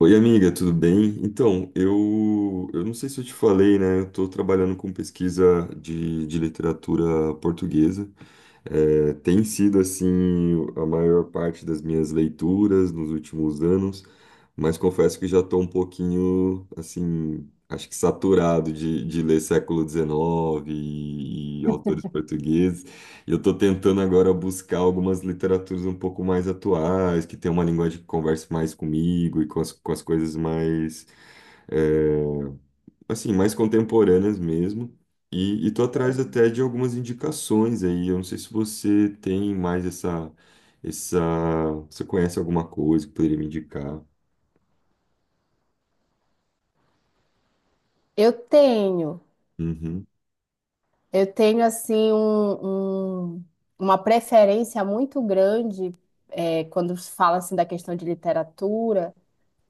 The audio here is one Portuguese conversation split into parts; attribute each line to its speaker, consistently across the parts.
Speaker 1: Oi, amiga, tudo bem? Então, eu não sei se eu te falei, né? Eu estou trabalhando com pesquisa de literatura portuguesa. É, tem sido, assim, a maior parte das minhas leituras nos últimos anos, mas confesso que já estou um pouquinho, assim, acho que saturado de ler século XIX e autores portugueses. Eu estou tentando agora buscar algumas literaturas um pouco mais atuais, que tem uma linguagem que converse mais comigo e com as coisas mais, é, assim, mais contemporâneas mesmo. E estou atrás até de algumas indicações aí. Eu não sei se você tem mais essa, você conhece alguma coisa que poderia me indicar?
Speaker 2: Eu tenho,
Speaker 1: Uhum,
Speaker 2: eu tenho assim uma preferência muito grande quando se fala assim da questão de literatura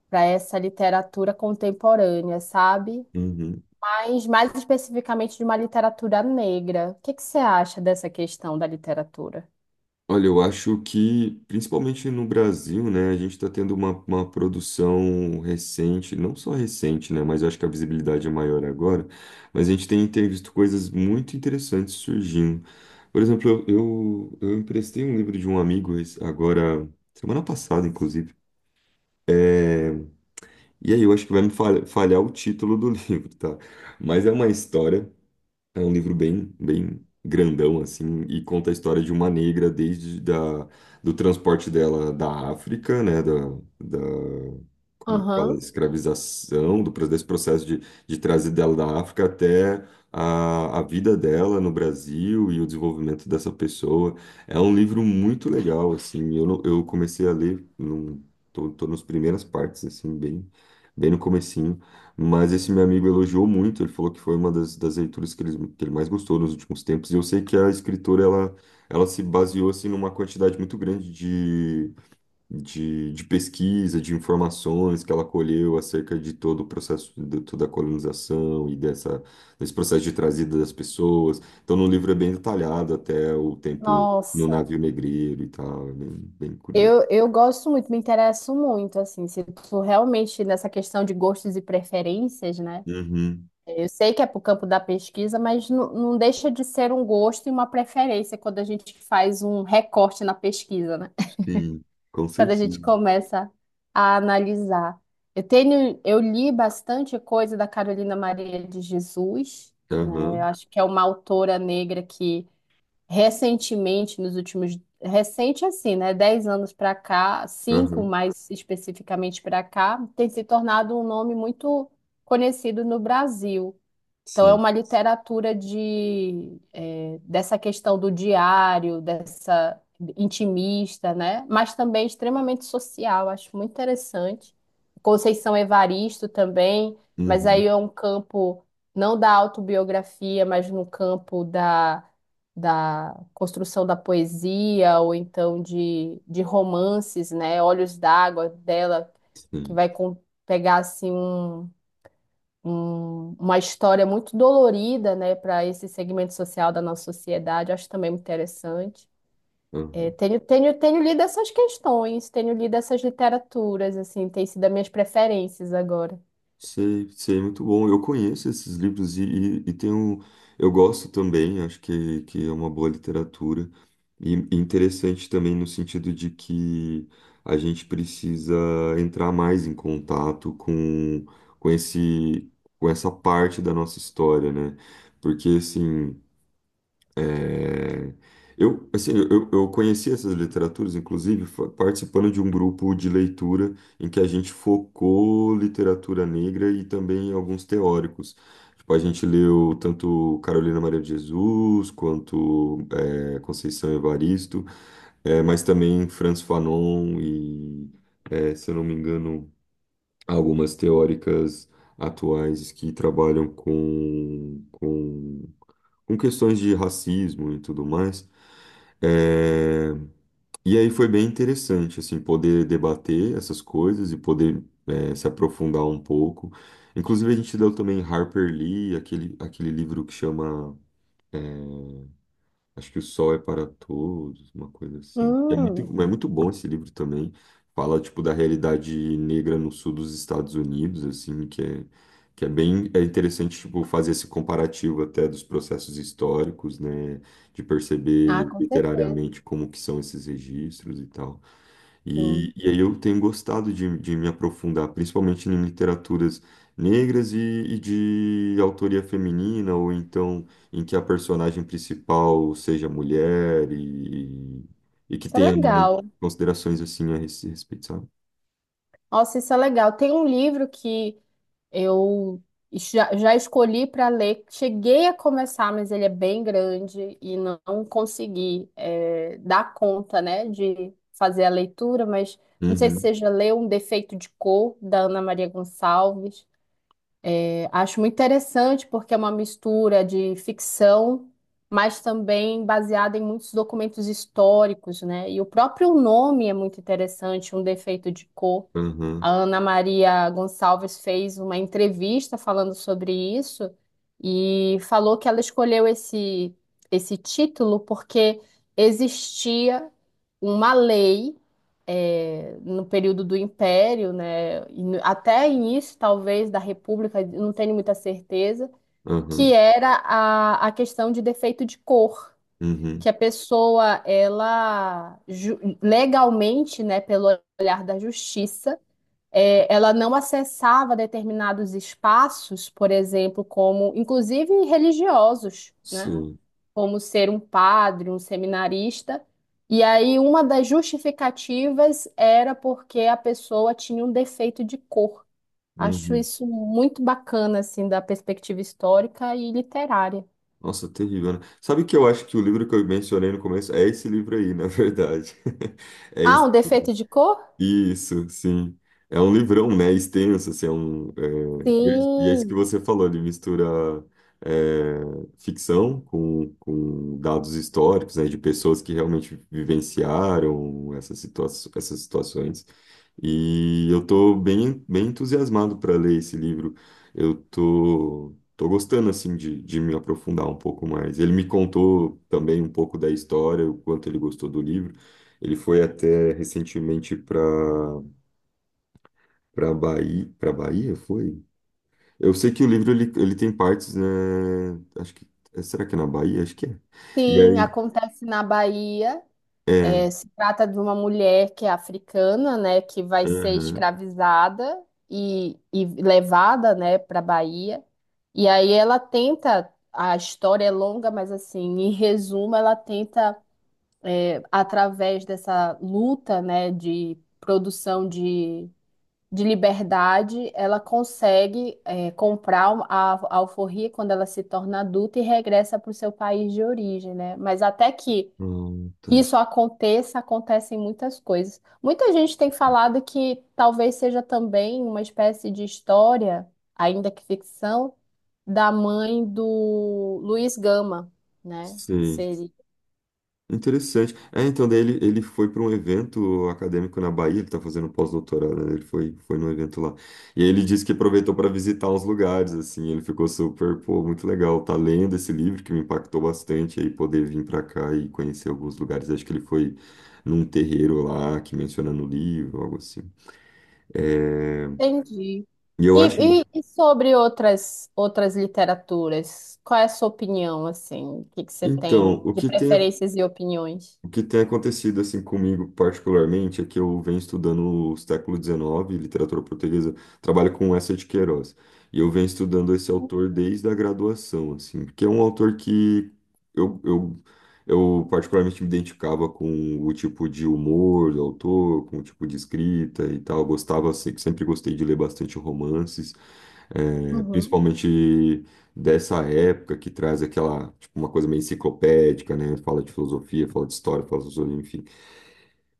Speaker 2: para essa literatura contemporânea, sabe?
Speaker 1: uhum.
Speaker 2: Mas mais especificamente de uma literatura negra. O que que você acha dessa questão da literatura?
Speaker 1: Olha, eu acho que, principalmente no Brasil, né, a gente está tendo uma produção recente, não só recente, né, mas eu acho que a visibilidade é maior agora, mas a gente tem visto coisas muito interessantes surgindo. Por exemplo, eu emprestei um livro de um amigo agora, semana passada, inclusive, é, e aí eu acho que vai me falhar o título do livro, tá? Mas é uma história, é um livro bem, bem grandão, assim, e conta a história de uma negra do transporte dela da África, né, da, como que fala,
Speaker 2: Aham.
Speaker 1: escravização, desse processo de trazer dela da África até a vida dela no Brasil e o desenvolvimento dessa pessoa. É um livro muito legal, assim, eu, não- eu comecei a ler, num, tô nas primeiras partes, assim, bem, bem no começo, mas esse meu amigo elogiou muito, ele falou que foi uma das leituras que ele mais gostou nos últimos tempos. E eu sei que a escritora, ela se baseou, assim, numa quantidade muito grande de pesquisa, de informações que ela colheu acerca de todo o processo, de toda a colonização e desse processo de trazida das pessoas. Então, no livro é bem detalhado até o tempo no
Speaker 2: Nossa,
Speaker 1: navio negreiro e tal, é bem, bem curioso.
Speaker 2: eu gosto muito, me interesso muito, assim, se tu realmente nessa questão de gostos e preferências, né?
Speaker 1: Uhum,
Speaker 2: Eu sei que é para o campo da pesquisa, mas não deixa de ser um gosto e uma preferência quando a gente faz um recorte na pesquisa, né?
Speaker 1: sim, com
Speaker 2: Quando a gente
Speaker 1: certeza.
Speaker 2: começa a analisar. Eu tenho, eu li bastante coisa da Carolina Maria de Jesus, né? Eu
Speaker 1: Aham,
Speaker 2: acho que é uma autora negra que recentemente, nos últimos, recente assim, né? 10 anos para cá, 5
Speaker 1: aham,
Speaker 2: mais especificamente para cá, tem se tornado um nome muito conhecido no Brasil. Então, é
Speaker 1: sim.
Speaker 2: uma literatura dessa questão do diário, dessa intimista, né? Mas também extremamente social, acho muito interessante. Conceição Evaristo também, mas
Speaker 1: Uhum.
Speaker 2: aí é um campo não da autobiografia, mas no campo da construção da poesia, ou então de romances, né? Olhos d'Água dela, que
Speaker 1: Sim,
Speaker 2: pegar assim uma história muito dolorida, né, para esse segmento social da nossa sociedade. Acho também muito interessante. É,
Speaker 1: aham.
Speaker 2: tenho lido essas questões, tenho lido essas literaturas, assim, tem sido as minhas preferências agora.
Speaker 1: Sei, sei, muito bom. Eu conheço esses livros e tenho, eu gosto também, acho que é uma boa literatura. E interessante também no sentido de que a gente precisa entrar mais em contato com esse, com essa parte da nossa história, né? Porque, assim, É, eu, assim, eu conheci essas literaturas, inclusive, participando de um grupo de leitura em que a gente focou literatura negra e também alguns teóricos. Tipo, a gente leu tanto Carolina Maria de Jesus quanto Conceição Evaristo, mas também Franz Fanon e, é, se eu não me engano, algumas teóricas atuais que trabalham com com questões de racismo e tudo mais. É, E aí foi bem interessante, assim, poder debater essas coisas e poder, é, se aprofundar um pouco. Inclusive, a gente leu também Harper Lee, aquele livro que chama, acho que, O Sol é para Todos, uma coisa assim.
Speaker 2: Hum,
Speaker 1: É muito bom esse livro também. Fala, tipo, da realidade negra no sul dos Estados Unidos, assim, que é bem, é interessante, tipo, fazer esse comparativo até dos processos históricos, né, de
Speaker 2: ah,
Speaker 1: perceber
Speaker 2: com certeza,
Speaker 1: literariamente como que são esses registros e tal.
Speaker 2: sim.
Speaker 1: E aí eu tenho gostado de me aprofundar, principalmente em literaturas negras e de autoria feminina, ou então em que a personagem principal seja mulher e que
Speaker 2: Isso é
Speaker 1: tenha mais
Speaker 2: legal.
Speaker 1: considerações assim a esse respeito, sabe?
Speaker 2: Nossa, isso é legal. Tem um livro que eu já escolhi para ler, cheguei a começar, mas ele é bem grande e não consegui dar conta, né, de fazer a leitura, mas não sei se
Speaker 1: Uhum,
Speaker 2: você já leu Um Defeito de Cor, da Ana Maria Gonçalves. Acho muito interessante porque é uma mistura de ficção, mas também baseada em muitos documentos históricos, né? E o próprio nome é muito interessante, Um Defeito de Cor.
Speaker 1: uhum,
Speaker 2: A Ana Maria Gonçalves fez uma entrevista falando sobre isso e falou que ela escolheu esse título porque existia uma lei no período do Império, né, e até início talvez da República, não tenho muita certeza, que
Speaker 1: uhum,
Speaker 2: era a questão de defeito de cor,
Speaker 1: uhum,
Speaker 2: que a pessoa ela legalmente, né, pelo olhar da justiça ela não acessava determinados espaços, por exemplo, como inclusive religiosos, né?
Speaker 1: sim,
Speaker 2: Como ser um padre, um seminarista. E aí uma das justificativas era porque a pessoa tinha um defeito de cor. Acho
Speaker 1: uhum.
Speaker 2: isso muito bacana, assim, da perspectiva histórica e literária.
Speaker 1: Nossa, terrível, né? Sabe o que eu acho? Que o livro que eu mencionei no começo é esse livro aí, na verdade. É
Speaker 2: Ah,
Speaker 1: esse.
Speaker 2: um defeito de cor?
Speaker 1: Isso, sim. É um livrão, né? Extenso, assim, é um, é, e é é isso que
Speaker 2: Sim,
Speaker 1: você falou, ele mistura, é, ficção com dados históricos, né? De pessoas que realmente vivenciaram essas situa essas situações. E eu tô bem, bem entusiasmado para ler esse livro. Eu tô gostando, assim, de me aprofundar um pouco mais. Ele me contou também um pouco da história, o quanto ele gostou do livro. Ele foi até recentemente para Bahia foi? Eu sei que o livro ele tem partes, né? Acho que será que é na Bahia? Acho que é. E
Speaker 2: sim,
Speaker 1: aí
Speaker 2: acontece na Bahia.
Speaker 1: é,
Speaker 2: É, se trata de uma mulher que é africana, né, que vai ser
Speaker 1: aham.
Speaker 2: escravizada e levada, né, para Bahia. E aí ela tenta, a história é longa, mas assim, em resumo, ela tenta, através dessa luta, né, de liberdade, ela consegue, comprar a alforria quando ela se torna adulta e regressa para o seu país de origem, né? Mas até que
Speaker 1: Ah, tá.
Speaker 2: isso aconteça, acontecem muitas coisas. Muita gente tem falado que talvez seja também uma espécie de história, ainda que ficção, da mãe do Luiz Gama, né? Que
Speaker 1: Sim.
Speaker 2: seria.
Speaker 1: Interessante. É, então, daí ele foi para um evento acadêmico na Bahia, ele está fazendo um pós-doutorado, né? Ele foi, foi num evento lá. E aí ele disse que aproveitou para visitar uns lugares, assim, ele ficou super, pô, muito legal. Tá lendo esse livro que me impactou bastante, aí poder vir para cá e conhecer alguns lugares. Acho que ele foi num terreiro lá que menciona no livro, algo assim. É,
Speaker 2: Entendi.
Speaker 1: e
Speaker 2: E,
Speaker 1: eu acho.
Speaker 2: e sobre outras literaturas, qual é a sua opinião, assim? O que que você
Speaker 1: Então,
Speaker 2: tem de preferências e opiniões?
Speaker 1: o que tem acontecido assim comigo particularmente é que eu venho estudando o século XIX, literatura portuguesa, trabalho com essa de Queiroz. E eu venho estudando esse autor desde a graduação, assim, porque é um autor que eu, eu, eu particularmente me identificava com o tipo de humor do autor, com o tipo de escrita e tal. Gostava, sempre gostei de ler bastante romances. É,
Speaker 2: Uhum.
Speaker 1: principalmente dessa época que traz aquela, tipo, uma coisa meio enciclopédica, né? Fala de filosofia, fala de história, fala de filosofia, enfim.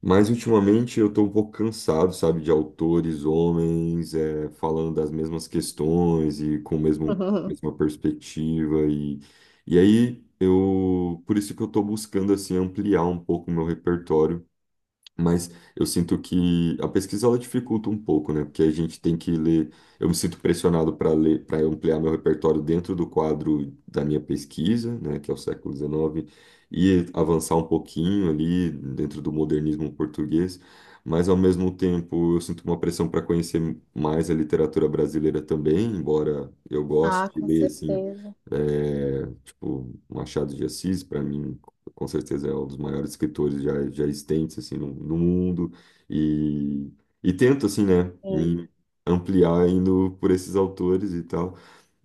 Speaker 1: Mas ultimamente eu tô um pouco cansado, sabe, de autores, homens, é, falando das mesmas questões e com o mesma perspectiva e aí eu, por isso que eu tô buscando, assim, ampliar um pouco o meu repertório, mas eu sinto que a pesquisa ela dificulta um pouco, né? Porque a gente tem que ler. Eu me sinto pressionado para ler, para ampliar meu repertório dentro do quadro da minha pesquisa, né? Que é o século XIX, e avançar um pouquinho ali dentro do modernismo português. Mas ao mesmo tempo eu sinto uma pressão para conhecer mais a literatura brasileira também, embora eu goste
Speaker 2: Ah,
Speaker 1: de
Speaker 2: com
Speaker 1: ler assim,
Speaker 2: certeza.
Speaker 1: é, tipo Machado de Assis, para mim com certeza é um dos maiores escritores já existentes assim no mundo e, e tento assim, né,
Speaker 2: Sim.
Speaker 1: me ampliar indo por esses autores e tal,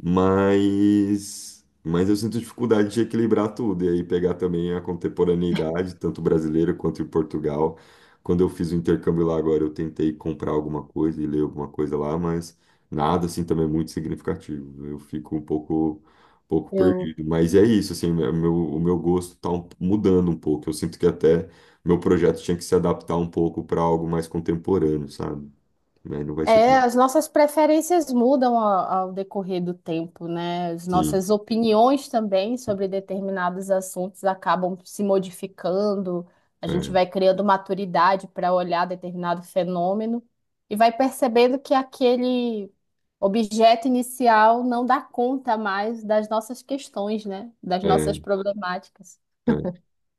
Speaker 1: mas eu sinto dificuldade de equilibrar tudo e aí pegar também a contemporaneidade tanto brasileira quanto em Portugal. Quando eu fiz o intercâmbio lá agora eu tentei comprar alguma coisa e ler alguma coisa lá, mas nada assim também é muito significativo, eu fico um pouco
Speaker 2: Eu
Speaker 1: perdido. Mas é isso, assim, o meu gosto tá mudando um pouco. Eu sinto que até meu projeto tinha que se adaptar um pouco para algo mais contemporâneo, sabe? Mas não vai ser
Speaker 2: é,
Speaker 1: tão.
Speaker 2: as nossas preferências mudam ao decorrer do tempo, né? As
Speaker 1: Sim,
Speaker 2: nossas opiniões também sobre determinados assuntos acabam se modificando. A gente
Speaker 1: é,
Speaker 2: vai criando maturidade para olhar determinado fenômeno e vai percebendo que aquele objeto inicial não dá conta mais das nossas questões, né? Das nossas
Speaker 1: é,
Speaker 2: problemáticas.
Speaker 1: é.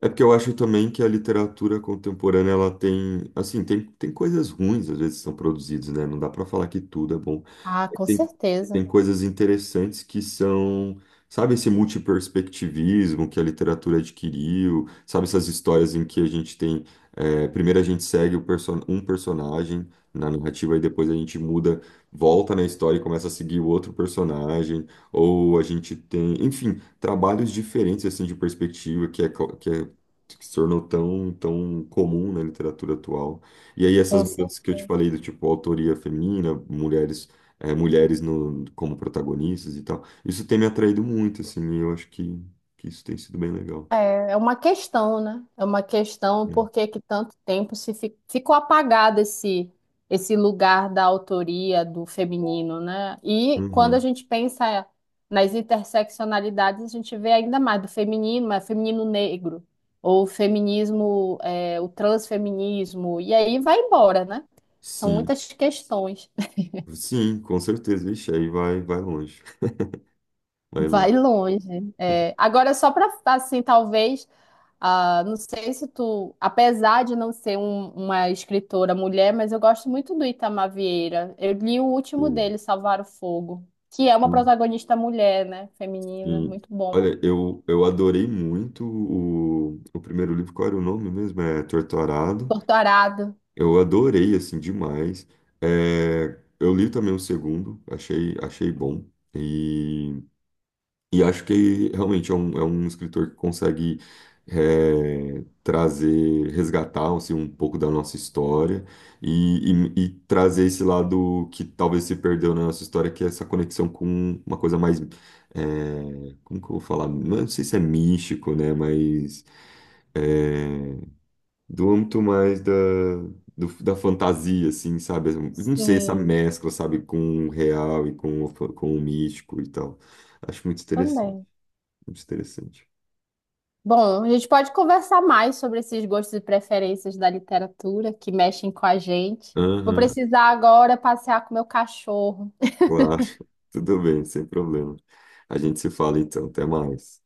Speaker 1: É porque eu acho também que a literatura contemporânea ela tem, assim, tem coisas ruins às vezes que são produzidas, né? Não dá para falar que tudo é bom.
Speaker 2: Ah,
Speaker 1: Mas
Speaker 2: com
Speaker 1: tem,
Speaker 2: certeza.
Speaker 1: tem coisas interessantes que são, sabe, esse multiperspectivismo que a literatura adquiriu, sabe, essas histórias em que a gente tem, é, primeiro a gente segue o perso um personagem na narrativa e depois a gente muda, volta na história e começa a seguir o outro personagem, ou a gente tem, enfim, trabalhos diferentes assim de perspectiva que é que se tornou tão, tão comum na literatura atual. E aí essas
Speaker 2: Com
Speaker 1: mudanças
Speaker 2: certeza.
Speaker 1: que eu te falei, do tipo autoria feminina, mulheres, eh, mulheres no, como protagonistas e tal, isso tem me atraído muito, assim, e eu acho que isso tem sido bem legal.
Speaker 2: É, é uma questão, né? É uma questão
Speaker 1: É.
Speaker 2: por que que tanto tempo se fi- ficou apagado esse lugar da autoria do feminino, né? E quando a
Speaker 1: Uhum.
Speaker 2: gente pensa nas interseccionalidades, a gente vê ainda mais do feminino, mas feminino negro, ou feminismo, é, o transfeminismo, e aí vai embora, né? São
Speaker 1: Sim,
Speaker 2: muitas questões.
Speaker 1: sim, com certeza. Ixi, aí vai, vai longe. Vai
Speaker 2: Vai
Speaker 1: longe.
Speaker 2: longe. É, agora, só para, assim, talvez. Ah, não sei se tu, apesar de não ser uma escritora mulher, mas eu gosto muito do Itamar Vieira. Eu li o último
Speaker 1: Sim,
Speaker 2: dele, Salvar o Fogo, que é uma protagonista mulher, né? Feminina,
Speaker 1: sim.
Speaker 2: muito bom.
Speaker 1: Olha, eu adorei muito o primeiro livro. Qual era o nome mesmo? É Torturado.
Speaker 2: Torturado.
Speaker 1: Eu adorei, assim, demais. É, eu li também o segundo, achei, achei bom. E, e acho que realmente é um escritor que consegue, é, trazer, resgatar assim, um pouco da nossa história e trazer esse lado que talvez se perdeu na nossa história, que é essa conexão com uma coisa mais, é, como que eu vou falar? Não sei se é místico, né? Mas. É, do âmbito mais da fantasia, assim, sabe? Eu não sei, essa
Speaker 2: Sim,
Speaker 1: mescla, sabe, com o real e com o, com o místico e tal. Acho muito interessante,
Speaker 2: também.
Speaker 1: muito interessante.
Speaker 2: Bom, a gente pode conversar mais sobre esses gostos e preferências da literatura que mexem com a gente. Vou
Speaker 1: Aham,
Speaker 2: precisar agora passear com meu cachorro.
Speaker 1: claro. Tudo bem, sem problema. A gente se fala então, até mais.